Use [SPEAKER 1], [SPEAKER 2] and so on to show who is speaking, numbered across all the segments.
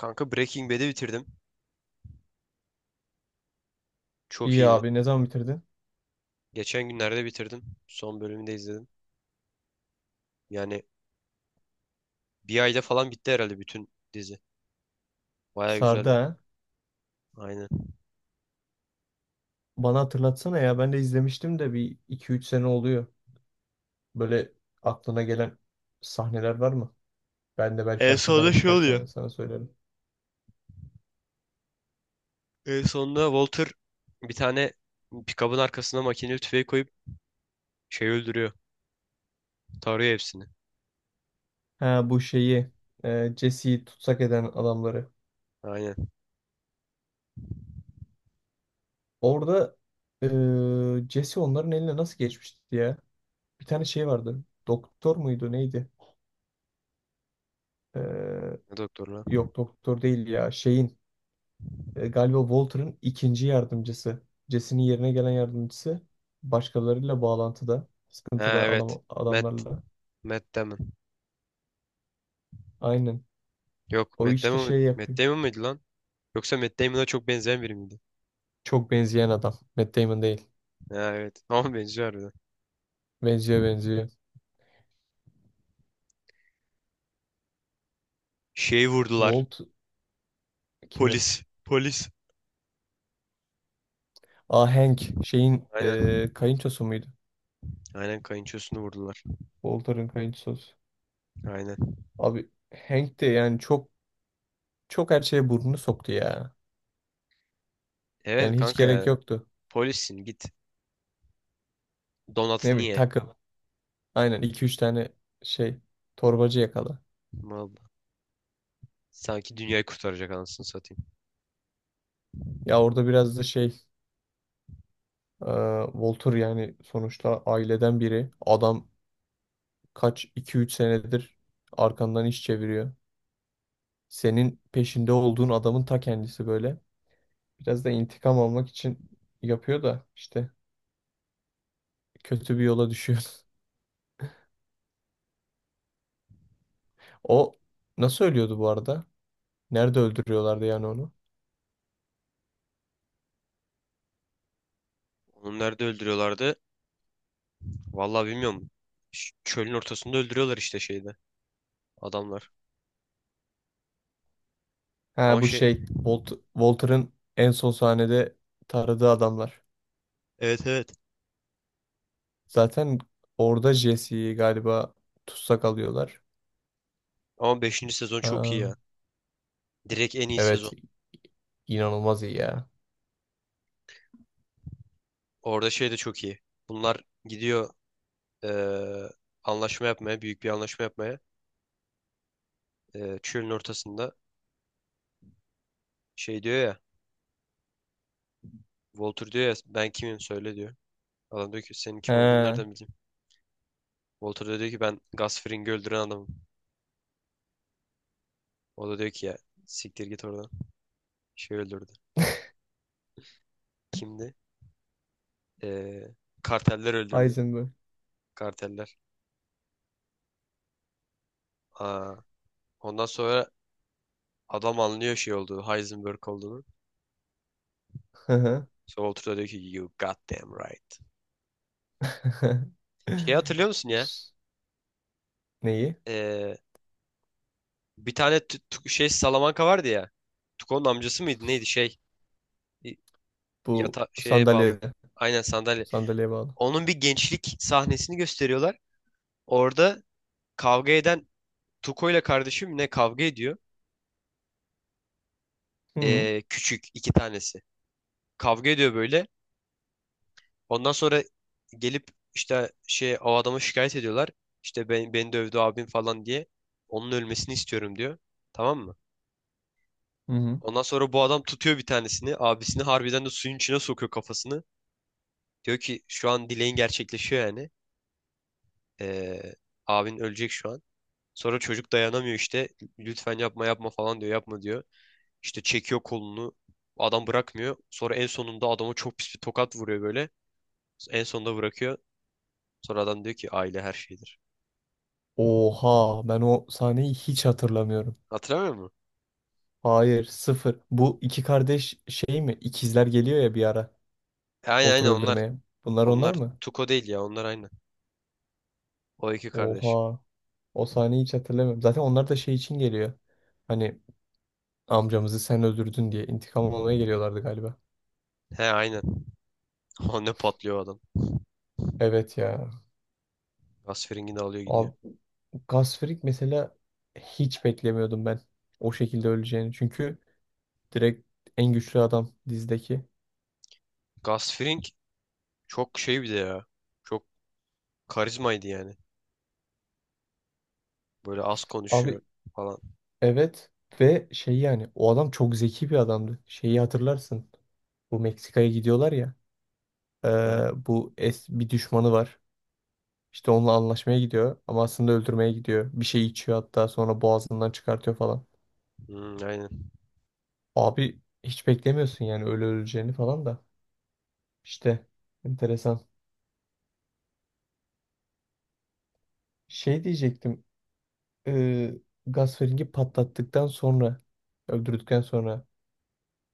[SPEAKER 1] Kanka Breaking Bad'i bitirdim. Çok
[SPEAKER 2] İyi
[SPEAKER 1] iyiydi.
[SPEAKER 2] abi ne zaman bitirdin?
[SPEAKER 1] Geçen günlerde bitirdim. Son bölümünü de izledim. Yani bir ayda falan bitti herhalde bütün dizi. Baya
[SPEAKER 2] Sardı
[SPEAKER 1] güzeldi.
[SPEAKER 2] ha.
[SPEAKER 1] Aynen.
[SPEAKER 2] Bana hatırlatsana ya ben de izlemiştim de bir iki üç sene oluyor. Böyle aklına gelen sahneler var mı? Ben de belki
[SPEAKER 1] En sonunda
[SPEAKER 2] hatırlarım
[SPEAKER 1] şey
[SPEAKER 2] birkaç
[SPEAKER 1] oluyor.
[SPEAKER 2] tane sana söylerim.
[SPEAKER 1] En sonunda Walter bir tane pikabın arkasına makineli tüfeği koyup şey öldürüyor. Tarıyor hepsini.
[SPEAKER 2] Ha bu şeyi Jesse'yi tutsak eden adamları.
[SPEAKER 1] Aynen.
[SPEAKER 2] Orada Jesse onların eline nasıl geçmişti ya? Bir tane şey vardı. Doktor muydu neydi? Ee,
[SPEAKER 1] Ne doktor lan?
[SPEAKER 2] Yok doktor değil ya. Şeyin galiba Walter'ın ikinci yardımcısı. Jesse'nin yerine gelen yardımcısı. Başkalarıyla bağlantıda.
[SPEAKER 1] Ha,
[SPEAKER 2] Sıkıntılı
[SPEAKER 1] evet. Matt.
[SPEAKER 2] adamlarla.
[SPEAKER 1] Matt Damon.
[SPEAKER 2] Aynen.
[SPEAKER 1] Yok
[SPEAKER 2] O
[SPEAKER 1] Matt
[SPEAKER 2] işte
[SPEAKER 1] Damon,
[SPEAKER 2] şey
[SPEAKER 1] Matt
[SPEAKER 2] yapıyor.
[SPEAKER 1] Damon mıydı lan? Yoksa Matt Damon'a çok benzeyen biri miydi?
[SPEAKER 2] Çok benzeyen adam. Matt Damon değil.
[SPEAKER 1] Ha, evet. Ama benziyor harbiden.
[SPEAKER 2] Benziyor benziyor.
[SPEAKER 1] Şeyi vurdular.
[SPEAKER 2] Walt kimi?
[SPEAKER 1] Polis. Polis.
[SPEAKER 2] Aa Hank. Şeyin
[SPEAKER 1] Aynen.
[SPEAKER 2] kayınçosu muydu?
[SPEAKER 1] Aynen kayınçosunu vurdular.
[SPEAKER 2] Walter'ın kayınçosu.
[SPEAKER 1] Aynen.
[SPEAKER 2] Abi Hank de yani çok her şeye burnunu soktu ya.
[SPEAKER 1] Evet
[SPEAKER 2] Yani hiç
[SPEAKER 1] kanka
[SPEAKER 2] gerek
[SPEAKER 1] ya.
[SPEAKER 2] yoktu.
[SPEAKER 1] Polissin git.
[SPEAKER 2] Ne
[SPEAKER 1] Donatı
[SPEAKER 2] bileyim
[SPEAKER 1] niye?
[SPEAKER 2] takıl. Aynen iki üç tane şey torbacı yakala.
[SPEAKER 1] Vallahi. Sanki dünyayı kurtaracak anasını satayım.
[SPEAKER 2] Ya orada biraz da şey e, Walter yani sonuçta aileden biri. Adam kaç iki üç senedir arkandan iş çeviriyor. Senin peşinde olduğun adamın ta kendisi böyle. Biraz da intikam almak için yapıyor da işte kötü bir yola düşüyor. O nasıl ölüyordu bu arada? Nerede öldürüyorlardı yani onu?
[SPEAKER 1] Onu nerede öldürüyorlardı? Vallahi bilmiyorum. Çölün ortasında öldürüyorlar işte şeyde adamlar.
[SPEAKER 2] Ha
[SPEAKER 1] Ama
[SPEAKER 2] bu
[SPEAKER 1] şey
[SPEAKER 2] şey Walter'ın en son sahnede taradığı adamlar.
[SPEAKER 1] evet, evet.
[SPEAKER 2] Zaten orada Jesse'yi galiba tutsak alıyorlar.
[SPEAKER 1] Ama beşinci sezon çok iyi
[SPEAKER 2] Aa,
[SPEAKER 1] ya. Direkt en iyi
[SPEAKER 2] evet
[SPEAKER 1] sezon.
[SPEAKER 2] inanılmaz iyi ya.
[SPEAKER 1] Orada şey de çok iyi. Bunlar gidiyor eee, anlaşma yapmaya, büyük bir anlaşma yapmaya. Çölün ortasında şey diyor ya. Walter diyor ya ben kimim söyle diyor. Adam diyor ki senin kim olduğunu
[SPEAKER 2] Ha,
[SPEAKER 1] nereden bileyim? Walter da diyor ki ben Gus Fring'i öldüren adamım. O da diyor ki ya siktir git oradan. Şey öldürdü. Kimdi? Ee, Karteller öldürdü.
[SPEAKER 2] Heisenberg.
[SPEAKER 1] Karteller. Aa, ondan sonra adam anlıyor şey olduğu Heisenberg olduğunu.
[SPEAKER 2] Hı hı.
[SPEAKER 1] Sonra Walter da diyor ki you goddamn right. Şey hatırlıyor musun ya?
[SPEAKER 2] Neyi?
[SPEAKER 1] Ee, bir tane şey Salamanca vardı ya. Tuko'nun amcası mıydı neydi şey?
[SPEAKER 2] Bu
[SPEAKER 1] Yata şeye bağlı.
[SPEAKER 2] sandalyede.
[SPEAKER 1] Aynen sandalye.
[SPEAKER 2] Sandalyeye bağlı.
[SPEAKER 1] Onun bir gençlik sahnesini gösteriyorlar. Orada kavga eden Tuko ile kardeşim ne kavga ediyor?
[SPEAKER 2] Hı hı.
[SPEAKER 1] Küçük iki tanesi. Kavga ediyor böyle. Ondan sonra gelip işte şey o adama şikayet ediyorlar. İşte ben, beni dövdü abim falan diye. Onun ölmesini istiyorum diyor. Tamam mı?
[SPEAKER 2] Hı hı.
[SPEAKER 1] Ondan sonra bu adam tutuyor bir tanesini. Abisini harbiden de suyun içine sokuyor kafasını. Diyor ki şu an dileğin gerçekleşiyor yani. Ee, abin ölecek şu an. Sonra çocuk dayanamıyor işte. Lütfen yapma yapma falan diyor. Yapma diyor. İşte çekiyor kolunu. Adam bırakmıyor. Sonra en sonunda adama çok pis bir tokat vuruyor böyle. En sonunda bırakıyor. Sonra adam diyor ki aile her şeydir.
[SPEAKER 2] Oha ben o sahneyi hiç hatırlamıyorum.
[SPEAKER 1] Hatırlamıyor musun?
[SPEAKER 2] Hayır sıfır. Bu iki kardeş şey mi? İkizler geliyor ya bir ara.
[SPEAKER 1] Aynen,
[SPEAKER 2] Walter
[SPEAKER 1] aynen onlar.
[SPEAKER 2] öldürmeye. Bunlar onlar
[SPEAKER 1] Onlar
[SPEAKER 2] mı?
[SPEAKER 1] Tuko değil ya onlar aynen. O iki kardeş.
[SPEAKER 2] Oha. O sahneyi hiç hatırlamıyorum. Zaten onlar da şey için geliyor. Hani amcamızı sen öldürdün diye intikam almaya geliyorlardı galiba.
[SPEAKER 1] He, aynen. O ne patlıyor adam.
[SPEAKER 2] Evet ya.
[SPEAKER 1] Gasfring'i de alıyor gidiyor.
[SPEAKER 2] Abi, Gasfring mesela hiç beklemiyordum ben. O şekilde öleceğini. Çünkü direkt en güçlü adam dizdeki.
[SPEAKER 1] Gasfring çok şey bir de ya. Çok karizmaydı yani. Böyle az konuşuyor
[SPEAKER 2] Abi
[SPEAKER 1] falan.
[SPEAKER 2] evet ve şey yani o adam çok zeki bir adamdı. Şeyi hatırlarsın. Bu Meksika'ya gidiyorlar ya.
[SPEAKER 1] Ha?
[SPEAKER 2] Bu es bir düşmanı var. İşte onunla anlaşmaya gidiyor ama aslında öldürmeye gidiyor. Bir şey içiyor hatta sonra boğazından çıkartıyor falan.
[SPEAKER 1] Hmm, aynen.
[SPEAKER 2] Abi hiç beklemiyorsun yani öyle öleceğini falan da. İşte enteresan. Şey diyecektim. Ee, Gaspering'i patlattıktan sonra öldürdükten sonra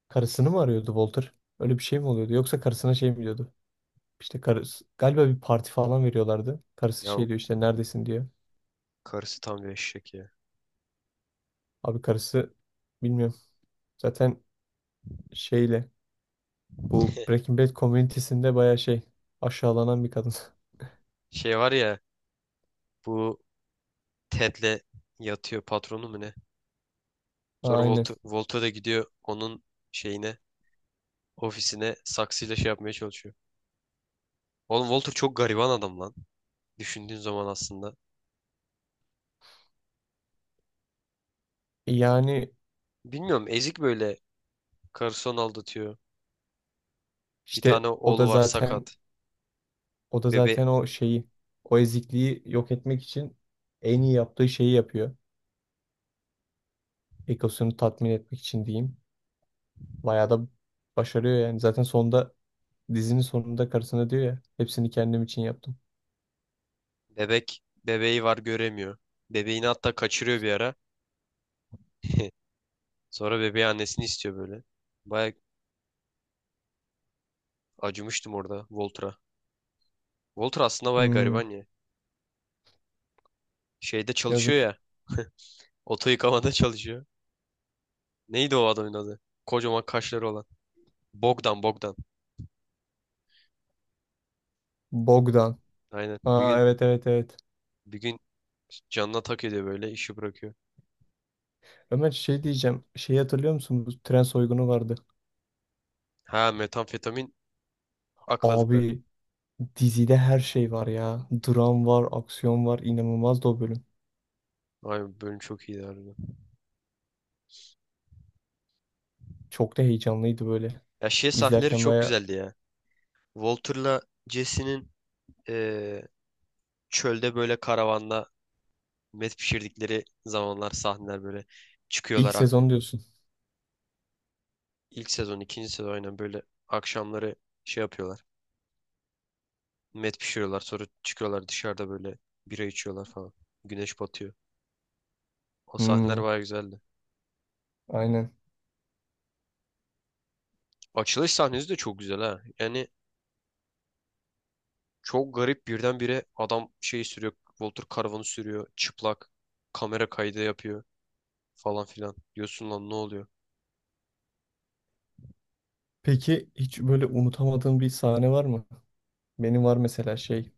[SPEAKER 2] karısını mı arıyordu Walter? Öyle bir şey mi oluyordu? Yoksa karısına şey mi. İşte karısı galiba bir parti falan veriyorlardı. Karısı
[SPEAKER 1] Ya o
[SPEAKER 2] şey diyor işte neredesin diyor.
[SPEAKER 1] karısı tam bir eşek ya.
[SPEAKER 2] Abi karısı bilmiyorum. Zaten şeyle bu Breaking Bad komünitesinde baya şey aşağılanan bir kadın.
[SPEAKER 1] Şey var ya bu Ted'le yatıyor patronu mu ne? Sonra
[SPEAKER 2] Aynen.
[SPEAKER 1] Volto, da gidiyor onun şeyine ofisine saksıyla şey yapmaya çalışıyor. Oğlum Walter çok gariban adam lan. Düşündüğün zaman aslında.
[SPEAKER 2] Yani
[SPEAKER 1] Bilmiyorum ezik böyle. Karısı onu aldatıyor. Bir
[SPEAKER 2] işte
[SPEAKER 1] tane
[SPEAKER 2] o da
[SPEAKER 1] oğlu var
[SPEAKER 2] zaten
[SPEAKER 1] sakat.
[SPEAKER 2] o da
[SPEAKER 1] Bebe,
[SPEAKER 2] zaten o şeyi o ezikliği yok etmek için en iyi yaptığı şeyi yapıyor. Egosunu tatmin etmek için diyeyim. Bayağı da başarıyor yani. Zaten sonunda dizinin sonunda karısına diyor ya hepsini kendim için yaptım.
[SPEAKER 1] bebeği var göremiyor. Bebeğini hatta kaçırıyor bir ara. Sonra bebeği annesini istiyor böyle. Baya acımıştım orada Walter'a. Walter aslında baya
[SPEAKER 2] Hmm,
[SPEAKER 1] gariban ya. Şeyde çalışıyor
[SPEAKER 2] yazık.
[SPEAKER 1] ya. Oto yıkamada çalışıyor. Neydi o adamın adı? Kocaman kaşları olan. Bogdan.
[SPEAKER 2] Bogdan.
[SPEAKER 1] Aynen.
[SPEAKER 2] Aa evet evet evet.
[SPEAKER 1] Bir gün canına tak ediyor böyle işi bırakıyor.
[SPEAKER 2] Ömer şey diyeceğim. Şeyi hatırlıyor musun? Bu tren soygunu vardı.
[SPEAKER 1] Ha, metamfetamin akladıkları.
[SPEAKER 2] Abi dizide her şey var ya. Dram var, aksiyon var. İnanılmazdı o bölüm.
[SPEAKER 1] Ay bölüm çok iyiydi harbiden.
[SPEAKER 2] Çok da heyecanlıydı böyle.
[SPEAKER 1] Ya şey sahneleri
[SPEAKER 2] İzlerken
[SPEAKER 1] çok
[SPEAKER 2] baya
[SPEAKER 1] güzeldi ya. Walter'la Jesse'nin eee, çölde böyle karavanda met pişirdikleri zamanlar sahneler böyle
[SPEAKER 2] ilk
[SPEAKER 1] çıkıyorlar.
[SPEAKER 2] sezon diyorsun.
[SPEAKER 1] İlk sezon, ikinci sezon aynen böyle akşamları şey yapıyorlar. Met pişiriyorlar sonra çıkıyorlar dışarıda böyle bira içiyorlar falan. Güneş batıyor. O
[SPEAKER 2] Hmm,
[SPEAKER 1] sahneler bayağı güzeldi.
[SPEAKER 2] aynen.
[SPEAKER 1] Açılış sahnesi de çok güzel ha. Yani çok garip birdenbire adam şey sürüyor. Walter Karavan'ı sürüyor. Çıplak. Kamera kaydı yapıyor falan filan. Diyorsun lan ne oluyor?
[SPEAKER 2] Peki hiç böyle unutamadığın bir sahne var mı? Benim var mesela şey.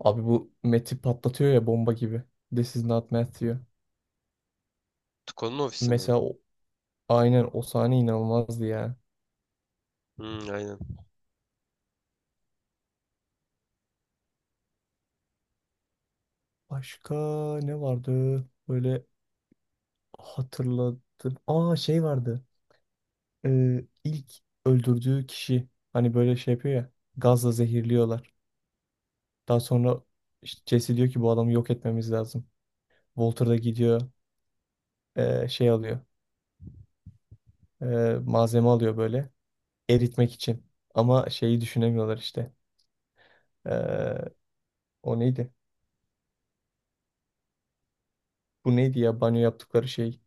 [SPEAKER 2] Abi bu Matt'i patlatıyor ya bomba gibi. This is not Matt diyor.
[SPEAKER 1] Tuko'nun ofisinde mi?
[SPEAKER 2] Mesela aynen o sahne inanılmazdı ya.
[SPEAKER 1] Hmm, aynen.
[SPEAKER 2] Başka ne vardı? Böyle hatırladım. Aa şey vardı. İlk öldürdüğü kişi hani böyle şey yapıyor ya. Gazla zehirliyorlar. Daha sonra işte Jesse diyor ki bu adamı yok etmemiz lazım. Walter da gidiyor şey alıyor. ee, malzeme alıyor böyle eritmek için. Ama şeyi düşünemiyorlar işte. Ee, o neydi? Bu neydi ya banyo yaptıkları şey?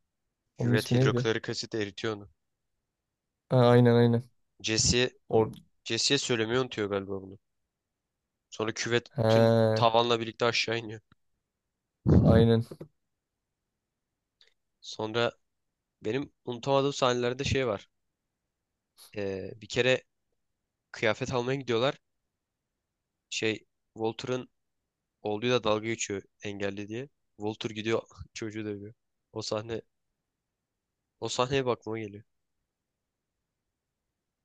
[SPEAKER 2] Onun
[SPEAKER 1] Küvet
[SPEAKER 2] ismi neydi?
[SPEAKER 1] hidroklorik asit eritiyor onu.
[SPEAKER 2] Ha, aynen aynen.
[SPEAKER 1] Jesse'ye
[SPEAKER 2] Or
[SPEAKER 1] Jesse'ye söylemeyi unutuyor galiba bunu. Sonra küvet bütün
[SPEAKER 2] ha,
[SPEAKER 1] tavanla birlikte aşağı iniyor.
[SPEAKER 2] aynen
[SPEAKER 1] Sonra benim unutamadığım sahnelerde şey var. Bir kere kıyafet almaya gidiyorlar. Şey Walter'ın olduğu da dalga geçiyor engelli diye. Walter gidiyor çocuğu dövüyor. O sahne o sahneye bakmama geliyor.